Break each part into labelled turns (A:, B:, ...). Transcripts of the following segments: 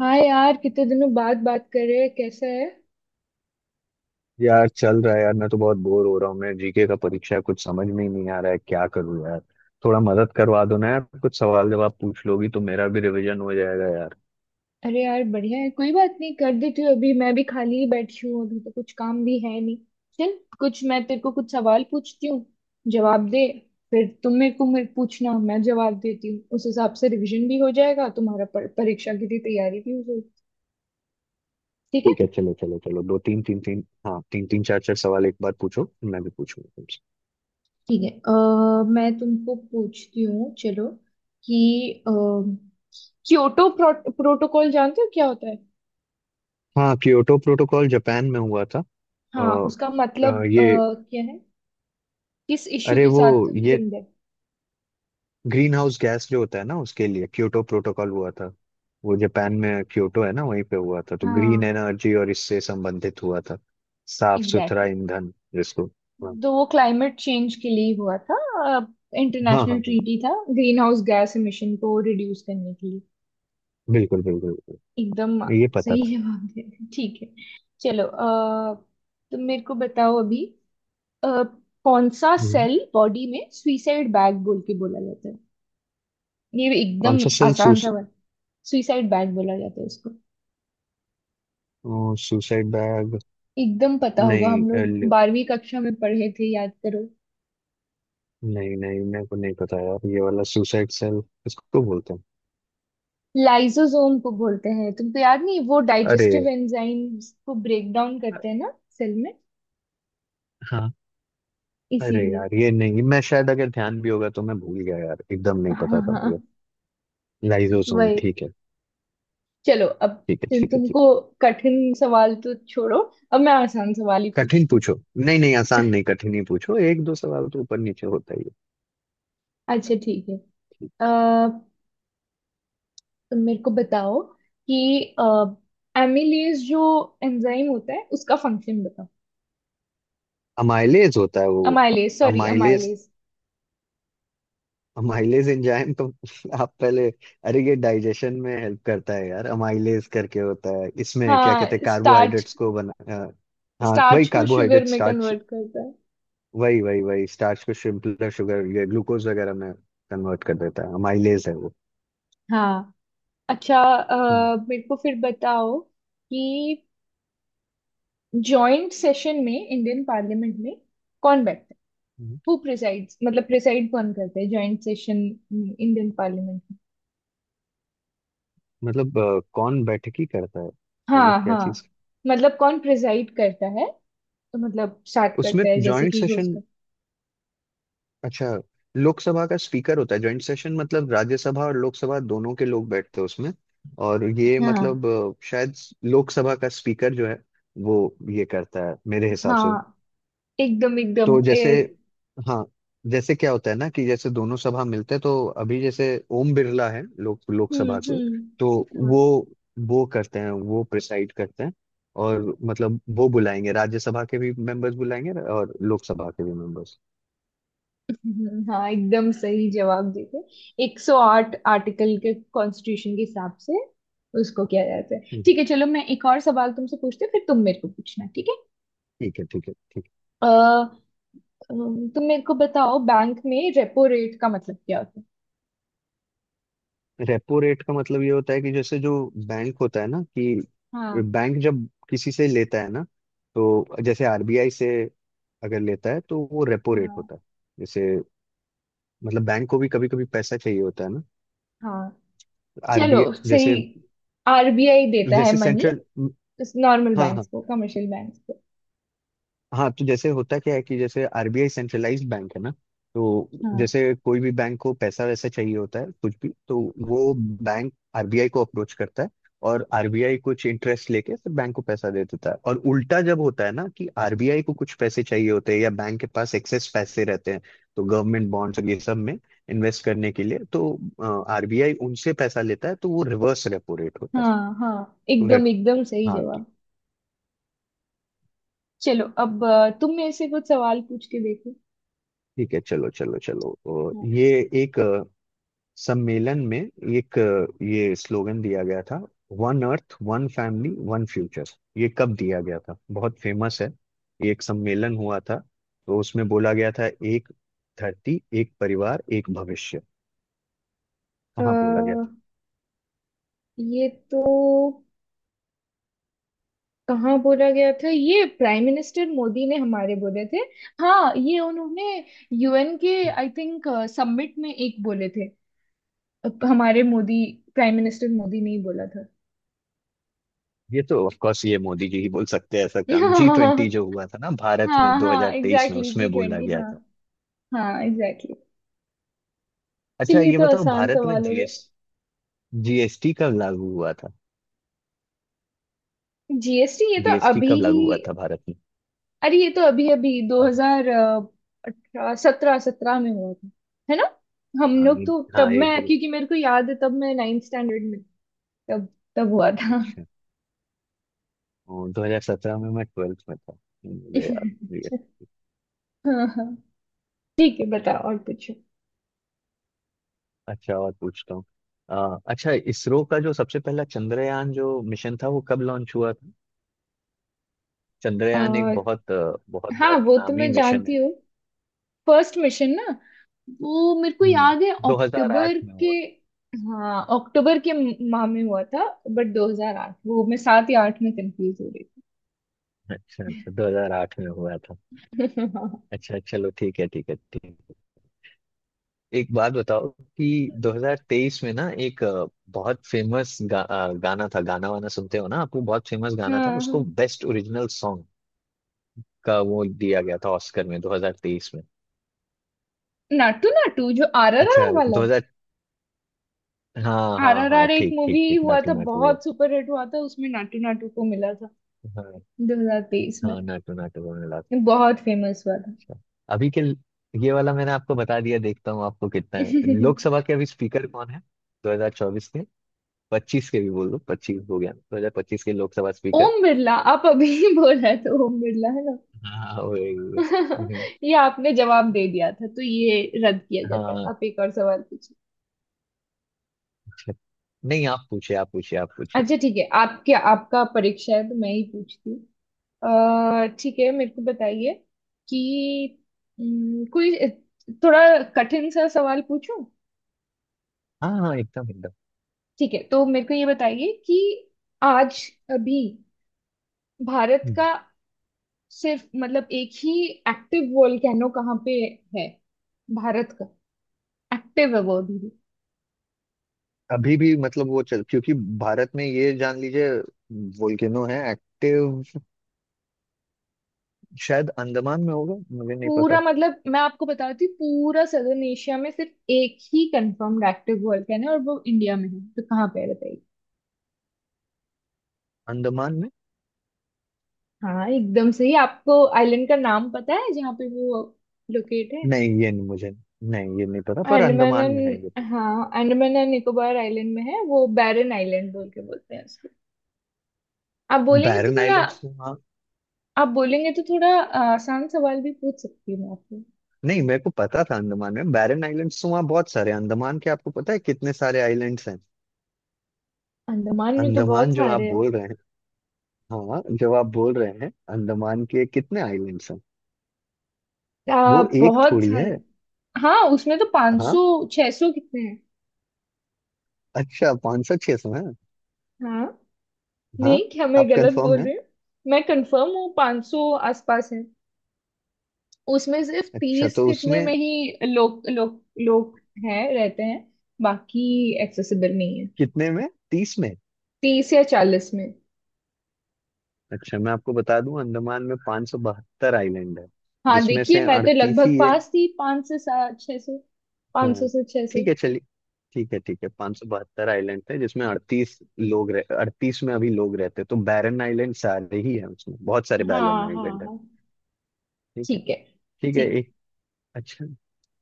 A: हाँ यार, कितने दिनों बाद बात कर रहे हैं, कैसा है?
B: यार, चल रहा है यार। मैं तो बहुत बोर हो रहा हूँ। मैं जीके का परीक्षा है, कुछ समझ में ही नहीं आ रहा है, क्या करूँ यार। थोड़ा मदद करवा दो ना यार, कुछ सवाल जवाब पूछ लोगी तो मेरा भी रिवीजन हो जाएगा यार।
A: अरे यार, बढ़िया है। कोई बात नहीं, कर देती हूँ। अभी मैं भी खाली ही बैठी हूँ, अभी तो कुछ काम भी है नहीं। चल, कुछ मैं तेरे को कुछ सवाल पूछती हूँ। जवाब दे। फिर तुम मेरे को मेरे पूछना, मैं जवाब देती हूँ। उस हिसाब से रिवीजन भी हो जाएगा तुम्हारा, पर परीक्षा के लिए तैयारी भी हो जाएगी। ठीक है,
B: ठीक है, चलो चलो चलो, दो तीन तीन तीन हाँ तीन तीन चार चार सवाल एक बार पूछो, फिर मैं भी पूछूंगा तुमसे।
A: ठीक है। मैं तुमको पूछती हूँ, चलो कि अ, क्योटो प्रोटोकॉल जानते हो, क्या होता है?
B: हाँ, क्योटो प्रोटोकॉल जापान में हुआ था।
A: हाँ, उसका मतलब
B: आ, ये
A: क्या है? किस इश्यू
B: अरे
A: के
B: वो
A: साथ
B: ये
A: लिंक्ड है?
B: ग्रीन हाउस गैस जो होता है ना, उसके लिए क्योटो प्रोटोकॉल हुआ था। वो जापान में क्योटो है ना, वहीं पे हुआ था, तो ग्रीन
A: हाँ,
B: एनर्जी और इससे संबंधित हुआ था। साफ सुथरा
A: एग्जैक्टली,
B: ईंधन जिसको। हाँ
A: exactly। तो वो क्लाइमेट चेंज के लिए ही हुआ था।
B: हाँ
A: इंटरनेशनल
B: हाँ हाँ,
A: ट्रीटी था, ग्रीन हाउस गैस इमिशन को रिड्यूस करने के लिए।
B: बिल्कुल बिल्कुल बिल्कुल।
A: एकदम,
B: ये पता
A: सही
B: था।
A: जवाब दे दिया। ठीक है, चलो। तो मेरे को बताओ अभी, अ, कौन सा
B: हम्म।
A: सेल बॉडी में सुइसाइड बैग बोल के बोला जाता है? ये भी
B: कौन
A: एकदम
B: सा सेल?
A: आसान सा बात, सुइसाइड बैग बोला जाता है इसको।
B: Suicide bag.
A: एकदम पता होगा,
B: नहीं,
A: हम लोग 12वीं कक्षा में पढ़े थे, याद करो।
B: नहीं नहीं, मेरे को नहीं पता यार, ये वाला सुसाइड सेल इसको तो बोलते हैं।
A: लाइसोसोम को बोलते हैं, तुमको याद नहीं, वो
B: अरे,
A: डाइजेस्टिव एंजाइम्स को ब्रेक डाउन
B: अ,
A: करते हैं ना सेल में,
B: हाँ। अरे
A: इसीलिए।
B: यार, ये नहीं, मैं शायद अगर ध्यान भी होगा तो मैं भूल गया यार, एकदम नहीं
A: हाँ,
B: पता था मुझे।
A: हाँ,
B: लाइजोसोम,
A: वही।
B: ठीक है।
A: चलो अब,
B: ठीक है
A: तुम-
B: ठीक है ठीक।
A: तुमको कठिन सवाल तो छोड़ो, अब मैं आसान सवाल ही
B: कठिन
A: पूछती हूँ।
B: पूछो, नहीं नहीं, आसान नहीं कठिन ही पूछो, एक दो सवाल तो ऊपर नीचे होता ही है।
A: अच्छा, ठीक है। अः तुम मेरे को बताओ कि एमिलेज जो एंजाइम होता है उसका फंक्शन बताओ।
B: अमाइलेज होता है वो।
A: Amylase, sorry,
B: amylase.
A: Amylase.
B: Amylase enzyme तो आप पहले, अरे ये डाइजेशन में हेल्प करता है यार, अमाइलेज करके होता है, इसमें क्या कहते हैं
A: हाँ, स्टार्च।
B: कार्बोहाइड्रेट्स को बना। अ, हाँ, वही
A: स्टार्च को शुगर
B: कार्बोहाइड्रेट
A: में
B: स्टार्च।
A: कन्वर्ट करता है।
B: वही वही वही स्टार्च को सिंपलर शुगर, ये ग्लूकोज वगैरह में कन्वर्ट कर देता है, अमाइलेज है वो।
A: हाँ, अच्छा।
B: हम्म,
A: मेरे को फिर बताओ कि जॉइंट सेशन में, इंडियन पार्लियामेंट में, कौन बैठता है?
B: हम्म।
A: हु प्रिसाइड्स, मतलब प्रिसाइड कौन करता है जॉइंट सेशन इंडियन पार्लियामेंट में?
B: मतलब कौन बैठकी करता है? मतलब
A: हाँ,
B: क्या
A: हाँ,
B: चीज?
A: मतलब कौन प्रिसाइड करता है, तो मतलब स्टार्ट
B: उसमें
A: करता है, जैसे
B: जॉइंट
A: कि होस्ट
B: सेशन?
A: करता
B: अच्छा, लोकसभा का स्पीकर होता है। जॉइंट सेशन मतलब राज्यसभा और लोकसभा दोनों के लोग बैठते हैं उसमें। और
A: है।
B: ये
A: हाँ,
B: मतलब शायद लोकसभा का स्पीकर जो है, वो ये करता है, मेरे हिसाब से।
A: हाँ, एकदम, एकदम,
B: तो जैसे, हाँ, जैसे क्या होता है ना कि जैसे दोनों सभा मिलते हैं, तो अभी जैसे ओम बिरला है
A: हम्म,
B: लोकसभा के, तो
A: हम्म,
B: वो वो करते हैं, वो प्रिसाइड करते हैं। और मतलब वो बुलाएंगे, राज्यसभा के भी मेंबर्स बुलाएंगे और लोकसभा के भी मेंबर्स।
A: हाँ, एकदम सही जवाब देते। 108 आर्टिकल के, कॉन्स्टिट्यूशन के हिसाब से, उसको किया जाता है। ठीक है, चलो मैं एक और सवाल तुमसे पूछती हूँ, फिर तुम मेरे को पूछना, ठीक है?
B: ठीक है ठीक है ठीक है।
A: अ, तुम मेरे को बताओ, बैंक में रेपो रेट का मतलब क्या होता है?
B: रेपो रेट का मतलब ये होता है कि जैसे जो बैंक होता है ना कि
A: हाँ,
B: बैंक जब किसी से लेता है ना, तो जैसे आरबीआई से अगर लेता है तो वो रेपो रेट
A: हाँ,
B: होता है। जैसे, मतलब बैंक को भी कभी कभी पैसा चाहिए होता है ना।
A: हाँ,
B: आरबीआई
A: चलो, सही।
B: जैसे,
A: आरबीआई देता है
B: जैसे
A: मनी
B: सेंट्रल,
A: नॉर्मल
B: हाँ
A: बैंक्स
B: हाँ
A: को, कमर्शियल बैंक्स को।
B: हाँ। तो जैसे होता क्या है कि जैसे आरबीआई सेंट्रलाइज्ड बैंक है ना, तो
A: हाँ,
B: जैसे कोई भी बैंक को पैसा वैसा चाहिए होता है कुछ भी, तो वो बैंक आरबीआई को अप्रोच करता है, और आरबीआई कुछ इंटरेस्ट लेके फिर बैंक को पैसा दे देता है। और उल्टा जब होता है ना कि आरबीआई को कुछ पैसे चाहिए होते हैं या बैंक के पास एक्सेस पैसे रहते हैं, तो गवर्नमेंट बॉन्ड्स और ये सब में इन्वेस्ट करने के लिए तो आरबीआई उनसे पैसा लेता है, तो वो रिवर्स रेपो रेट होता है।
A: हाँ, हाँ,
B: तो
A: एकदम
B: रेप
A: एकदम सही
B: हाँ, तो
A: जवाब। चलो अब, तुम मेरे से कुछ सवाल पूछ के देखो।
B: ठीक है। चलो चलो चलो,
A: हाँ।
B: ये। एक सम्मेलन में एक, ये स्लोगन दिया गया था, one earth one family one future. ये कब दिया गया था? बहुत फेमस है ये। एक सम्मेलन हुआ था तो उसमें बोला गया था, एक धरती, एक परिवार, एक भविष्य।
A: अ,
B: कहाँ बोला गया था?
A: ये तो कहाँ बोला गया था, ये प्राइम मिनिस्टर मोदी ने हमारे बोले थे। हाँ, ये उन्होंने यूएन के, आई थिंक, समिट में एक बोले थे। हमारे मोदी, प्राइम मिनिस्टर मोदी ने ही बोला था।
B: ये तो ऑफ कोर्स ये मोदी जी ही बोल सकते हैं ऐसा काम। जी ट्वेंटी जो हुआ था ना भारत में
A: हाँ, हाँ,
B: 2023 में,
A: एग्जैक्टली, जी
B: उसमें बोला
A: ट्वेंटी
B: गया
A: हाँ।
B: था।
A: हाँ, एग्जैक्टली।
B: अच्छा,
A: चलिए, ये
B: ये
A: तो
B: बताओ,
A: आसान
B: भारत में
A: सवाल हो गया।
B: जीएसटी कब लागू हुआ था?
A: जीएसटी ये तो
B: जीएसटी
A: अभी
B: कब लागू हुआ
A: ही,
B: था भारत में?
A: अरे ये तो अभी अभी दो
B: अभी।
A: हजार अठारह 17, 17 में हुआ था, है ना? हम
B: हाँ,
A: लोग
B: एक,
A: तो तब,
B: हाँ,
A: मैं
B: 1 जुलाई।
A: क्योंकि मेरे को याद है, तब मैं नाइन्थ स्टैंडर्ड में थी, तब, तब हुआ था।
B: अच्छा। वो 2017 में मैं ट्वेल्थ में था, मुझे याद भी है।
A: हाँ, हाँ, ठीक है। बताओ और पूछो।
B: अच्छा और पूछता हूँ। अच्छा, इसरो का जो सबसे पहला चंद्रयान जो मिशन था, वो कब लॉन्च हुआ था? चंद्रयान एक
A: और
B: बहुत, बहुत
A: हाँ,
B: बहुत
A: वो तो
B: नामी
A: मैं
B: मिशन
A: जानती
B: है।
A: हूँ, फर्स्ट मिशन ना। वो मेरे को
B: हम्म,
A: याद है,
B: 2008
A: अक्टूबर
B: में
A: के,
B: हुआ।
A: हाँ, अक्टूबर के माह में हुआ था। बट 2008, वो मैं सात या आठ में कंफ्यूज हो रही
B: अच्छा अच्छा, 2008 में हुआ था।
A: थी।
B: अच्छा चलो, ठीक है ठीक है ठीक है। एक बात बताओ कि 2023 में ना, एक बहुत फेमस गाना था, गाना वाना सुनते हो ना, आपको बहुत फेमस गाना था,
A: हाँ, हाँ,
B: उसको बेस्ट ओरिजिनल सॉन्ग का वो दिया गया था ऑस्कर में 2023 में।
A: नाटू नाटू, जो आर आर
B: अच्छा
A: आर वाला।
B: 2000। हाँ
A: आर
B: हाँ
A: आर
B: हाँ,
A: आर एक
B: ठीक ठीक
A: मूवी
B: ठीक,
A: हुआ
B: नाटू
A: था,
B: नाटू वो।
A: बहुत सुपर हिट हुआ था। उसमें नाटू नाटू को मिला था
B: हाँ
A: 2023 में।
B: हाँ, नाटू नाटू वो मिला था।
A: ये बहुत फेमस हुआ था।
B: अच्छा, अभी के ये वाला मैंने आपको बता दिया, देखता हूँ आपको कितना है। लोकसभा के अभी स्पीकर कौन है? 2024 के, 25 के भी बोल दो, 25 हो गया, 2025 के लोकसभा स्पीकर।
A: ओम बिरला, आप अभी ही बोल रहे थे, ओम बिरला है ना?
B: हाँ, वही।
A: ये आपने जवाब दे दिया था, तो ये रद्द किया जाता है,
B: हाँ,
A: आप एक और सवाल पूछिए।
B: अच्छा नहीं, आप पूछे आप पूछे आप पूछे।
A: अच्छा, ठीक है, आपके आपका परीक्षा है तो मैं ही पूछती हूँ। ठीक है, मेरे को बताइए कि कोई थोड़ा कठिन सा सवाल पूछूं?
B: हाँ हाँ, एकदम एकदम।
A: ठीक है, तो मेरे को ये बताइए कि आज, अभी, भारत का, सिर्फ मतलब एक ही एक्टिव वोल्केनो कहाँ पे है, भारत का? एक्टिव है वो अभी भी।
B: अभी भी मतलब वो चल, क्योंकि भारत में ये जान लीजिए, वोल्केनो है एक्टिव। शायद अंडमान में होगा, मुझे नहीं पता।
A: पूरा, मतलब मैं आपको बताती हूँ, पूरा सदर्न एशिया में सिर्फ एक ही कंफर्म्ड एक्टिव वोल्केनो है और वो इंडिया में है, तो कहाँ पे है बताइए।
B: अंडमान में।
A: हाँ, एकदम सही। आपको आइलैंड का नाम पता है जहाँ पे वो लोकेट है?
B: नहीं ये नहीं मुझे, नहीं ये नहीं पता, पर अंडमान में है ये तो।
A: हाँ, अंडमान एंड निकोबार आइलैंड में है, वो बैरन आइलैंड बोल के बोलते हैं। आप बोलेंगे तो
B: बैरन
A: थोड़ा,
B: आइलैंड्स तो वहाँ।
A: आप बोलेंगे तो थोड़ा आसान सवाल भी पूछ सकती हूँ मैं आपको।
B: नहीं, मेरे को पता था। अंडमान में बैरन आइलैंड्स तो वहाँ बहुत सारे हैं। अंडमान के आपको पता है कितने सारे आइलैंड्स हैं?
A: अंडमान में तो बहुत
B: अंडमान जो आप
A: सारे हैं।
B: बोल रहे हैं, हाँ, जो आप बोल रहे हैं अंडमान के, कितने आइलैंड्स हैं? वो एक
A: बहुत
B: थोड़ी है।
A: सारे। हाँ, उसमें तो
B: हाँ,
A: 500, 600, कितने हैं?
B: अच्छा, पाँच सौ छह सौ है?
A: हाँ,
B: हाँ,
A: नहीं, क्या मैं
B: आप
A: गलत
B: कंफर्म
A: बोल
B: है?
A: रही हूँ? मैं कंफर्म हूँ, 500 आसपास है। उसमें सिर्फ
B: अच्छा
A: 30
B: तो
A: कितने
B: उसमें,
A: में ही लोग लोग लोग हैं, रहते हैं, बाकी एक्सेसिबल नहीं है।
B: कितने में, 30 में।
A: 30 या 40 में।
B: अच्छा मैं आपको बता दूं, अंडमान में 572 आइलैंड है,
A: हाँ,
B: जिसमें
A: देखिए,
B: से
A: मैं तो
B: 38
A: लगभग
B: ही है।
A: पास थी, पाँच से सात, 600, पाँच सौ
B: हाँ,
A: से छह।
B: ठीक है चलिए, ठीक है ठीक है। 572 आइलैंड थे, जिसमें 38 लोग रह, 38 में अभी लोग रहते हैं, तो बैरन आइलैंड सारे ही है, उसमें बहुत सारे बैरन
A: हाँ, हाँ,
B: आइलैंड है।
A: हाँ,
B: ठीक है
A: ठीक है,
B: ठीक
A: ठीक
B: है।
A: है।
B: अच्छा,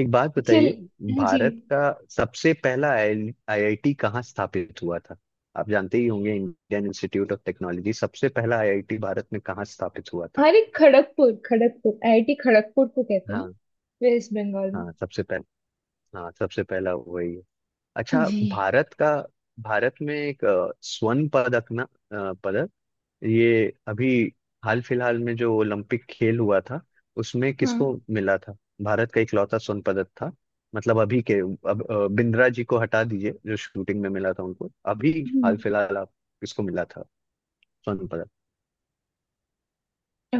B: एक बात
A: चल,
B: बताइए।
A: चल जी।
B: भारत का सबसे पहला आईआईटी कहाँ स्थापित हुआ था? आप जानते ही होंगे, इंडियन इंस्टीट्यूट ऑफ टेक्नोलॉजी, सबसे पहला आईआईटी भारत में कहाँ स्थापित हुआ था?
A: अरे, खड़गपुर, खड़गपुर आईआईटी, खड़गपुर को कहते हैं ना,
B: हाँ
A: वेस्ट बंगाल में।
B: हाँ, सबसे पहला। हाँ, सबसे पहला वही है। अच्छा।
A: जी,
B: भारत का भारत में एक, स्वर्ण पदक ना, पदक ये अभी हाल फिलहाल में जो ओलंपिक खेल हुआ था, उसमें
A: हाँ।
B: किसको मिला था? भारत का इकलौता स्वर्ण पदक था, मतलब अभी के। अब बिंद्रा जी को हटा दीजिए, जो शूटिंग में मिला था उनको। अभी
A: हम्म,
B: हाल फिलहाल आप, किसको मिला था स्वर्ण पदक?
A: अ,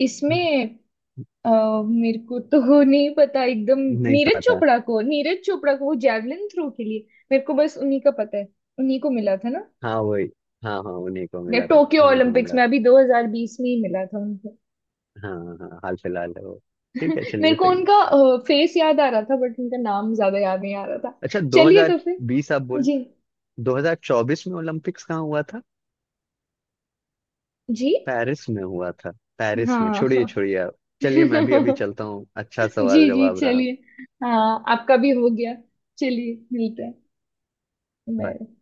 A: इसमें अ, मेरे को तो नहीं पता, एकदम।
B: नहीं
A: नीरज
B: पता?
A: चोपड़ा को नीरज चोपड़ा को वो जैवलिन थ्रो के लिए। मेरे को बस उन्हीं का पता है, उन्हीं को मिला था ना?
B: हाँ वही। हाँ हाँ, उन्हीं को
A: या
B: मिला था,
A: टोक्यो
B: उन्हीं को
A: ओलंपिक्स
B: मिला
A: में
B: था।
A: अभी 2020 में ही मिला था।
B: हाँ हाँ हाँ, हाल फिलहाल है वो। ठीक है
A: मेरे
B: चलिए,
A: को
B: सही है।
A: उनका फेस याद आ रहा था, बट उनका नाम ज्यादा याद नहीं आ रहा था।
B: अच्छा,
A: चलिए तो
B: 2020 आप
A: फिर,
B: बोल,
A: जी।
B: 2024 में ओलंपिक्स कहाँ हुआ?
A: जी,
B: पेरिस में हुआ था पेरिस में,
A: हाँ,
B: छोड़िए
A: हाँ।
B: छोड़िए आप। चलिए मैं भी अभी
A: जी।
B: चलता हूँ, अच्छा सवाल
A: जी,
B: जवाब रहा।
A: चलिए, हाँ, आपका भी हो गया, चलिए मिलते हैं।
B: बाय।
A: बाय।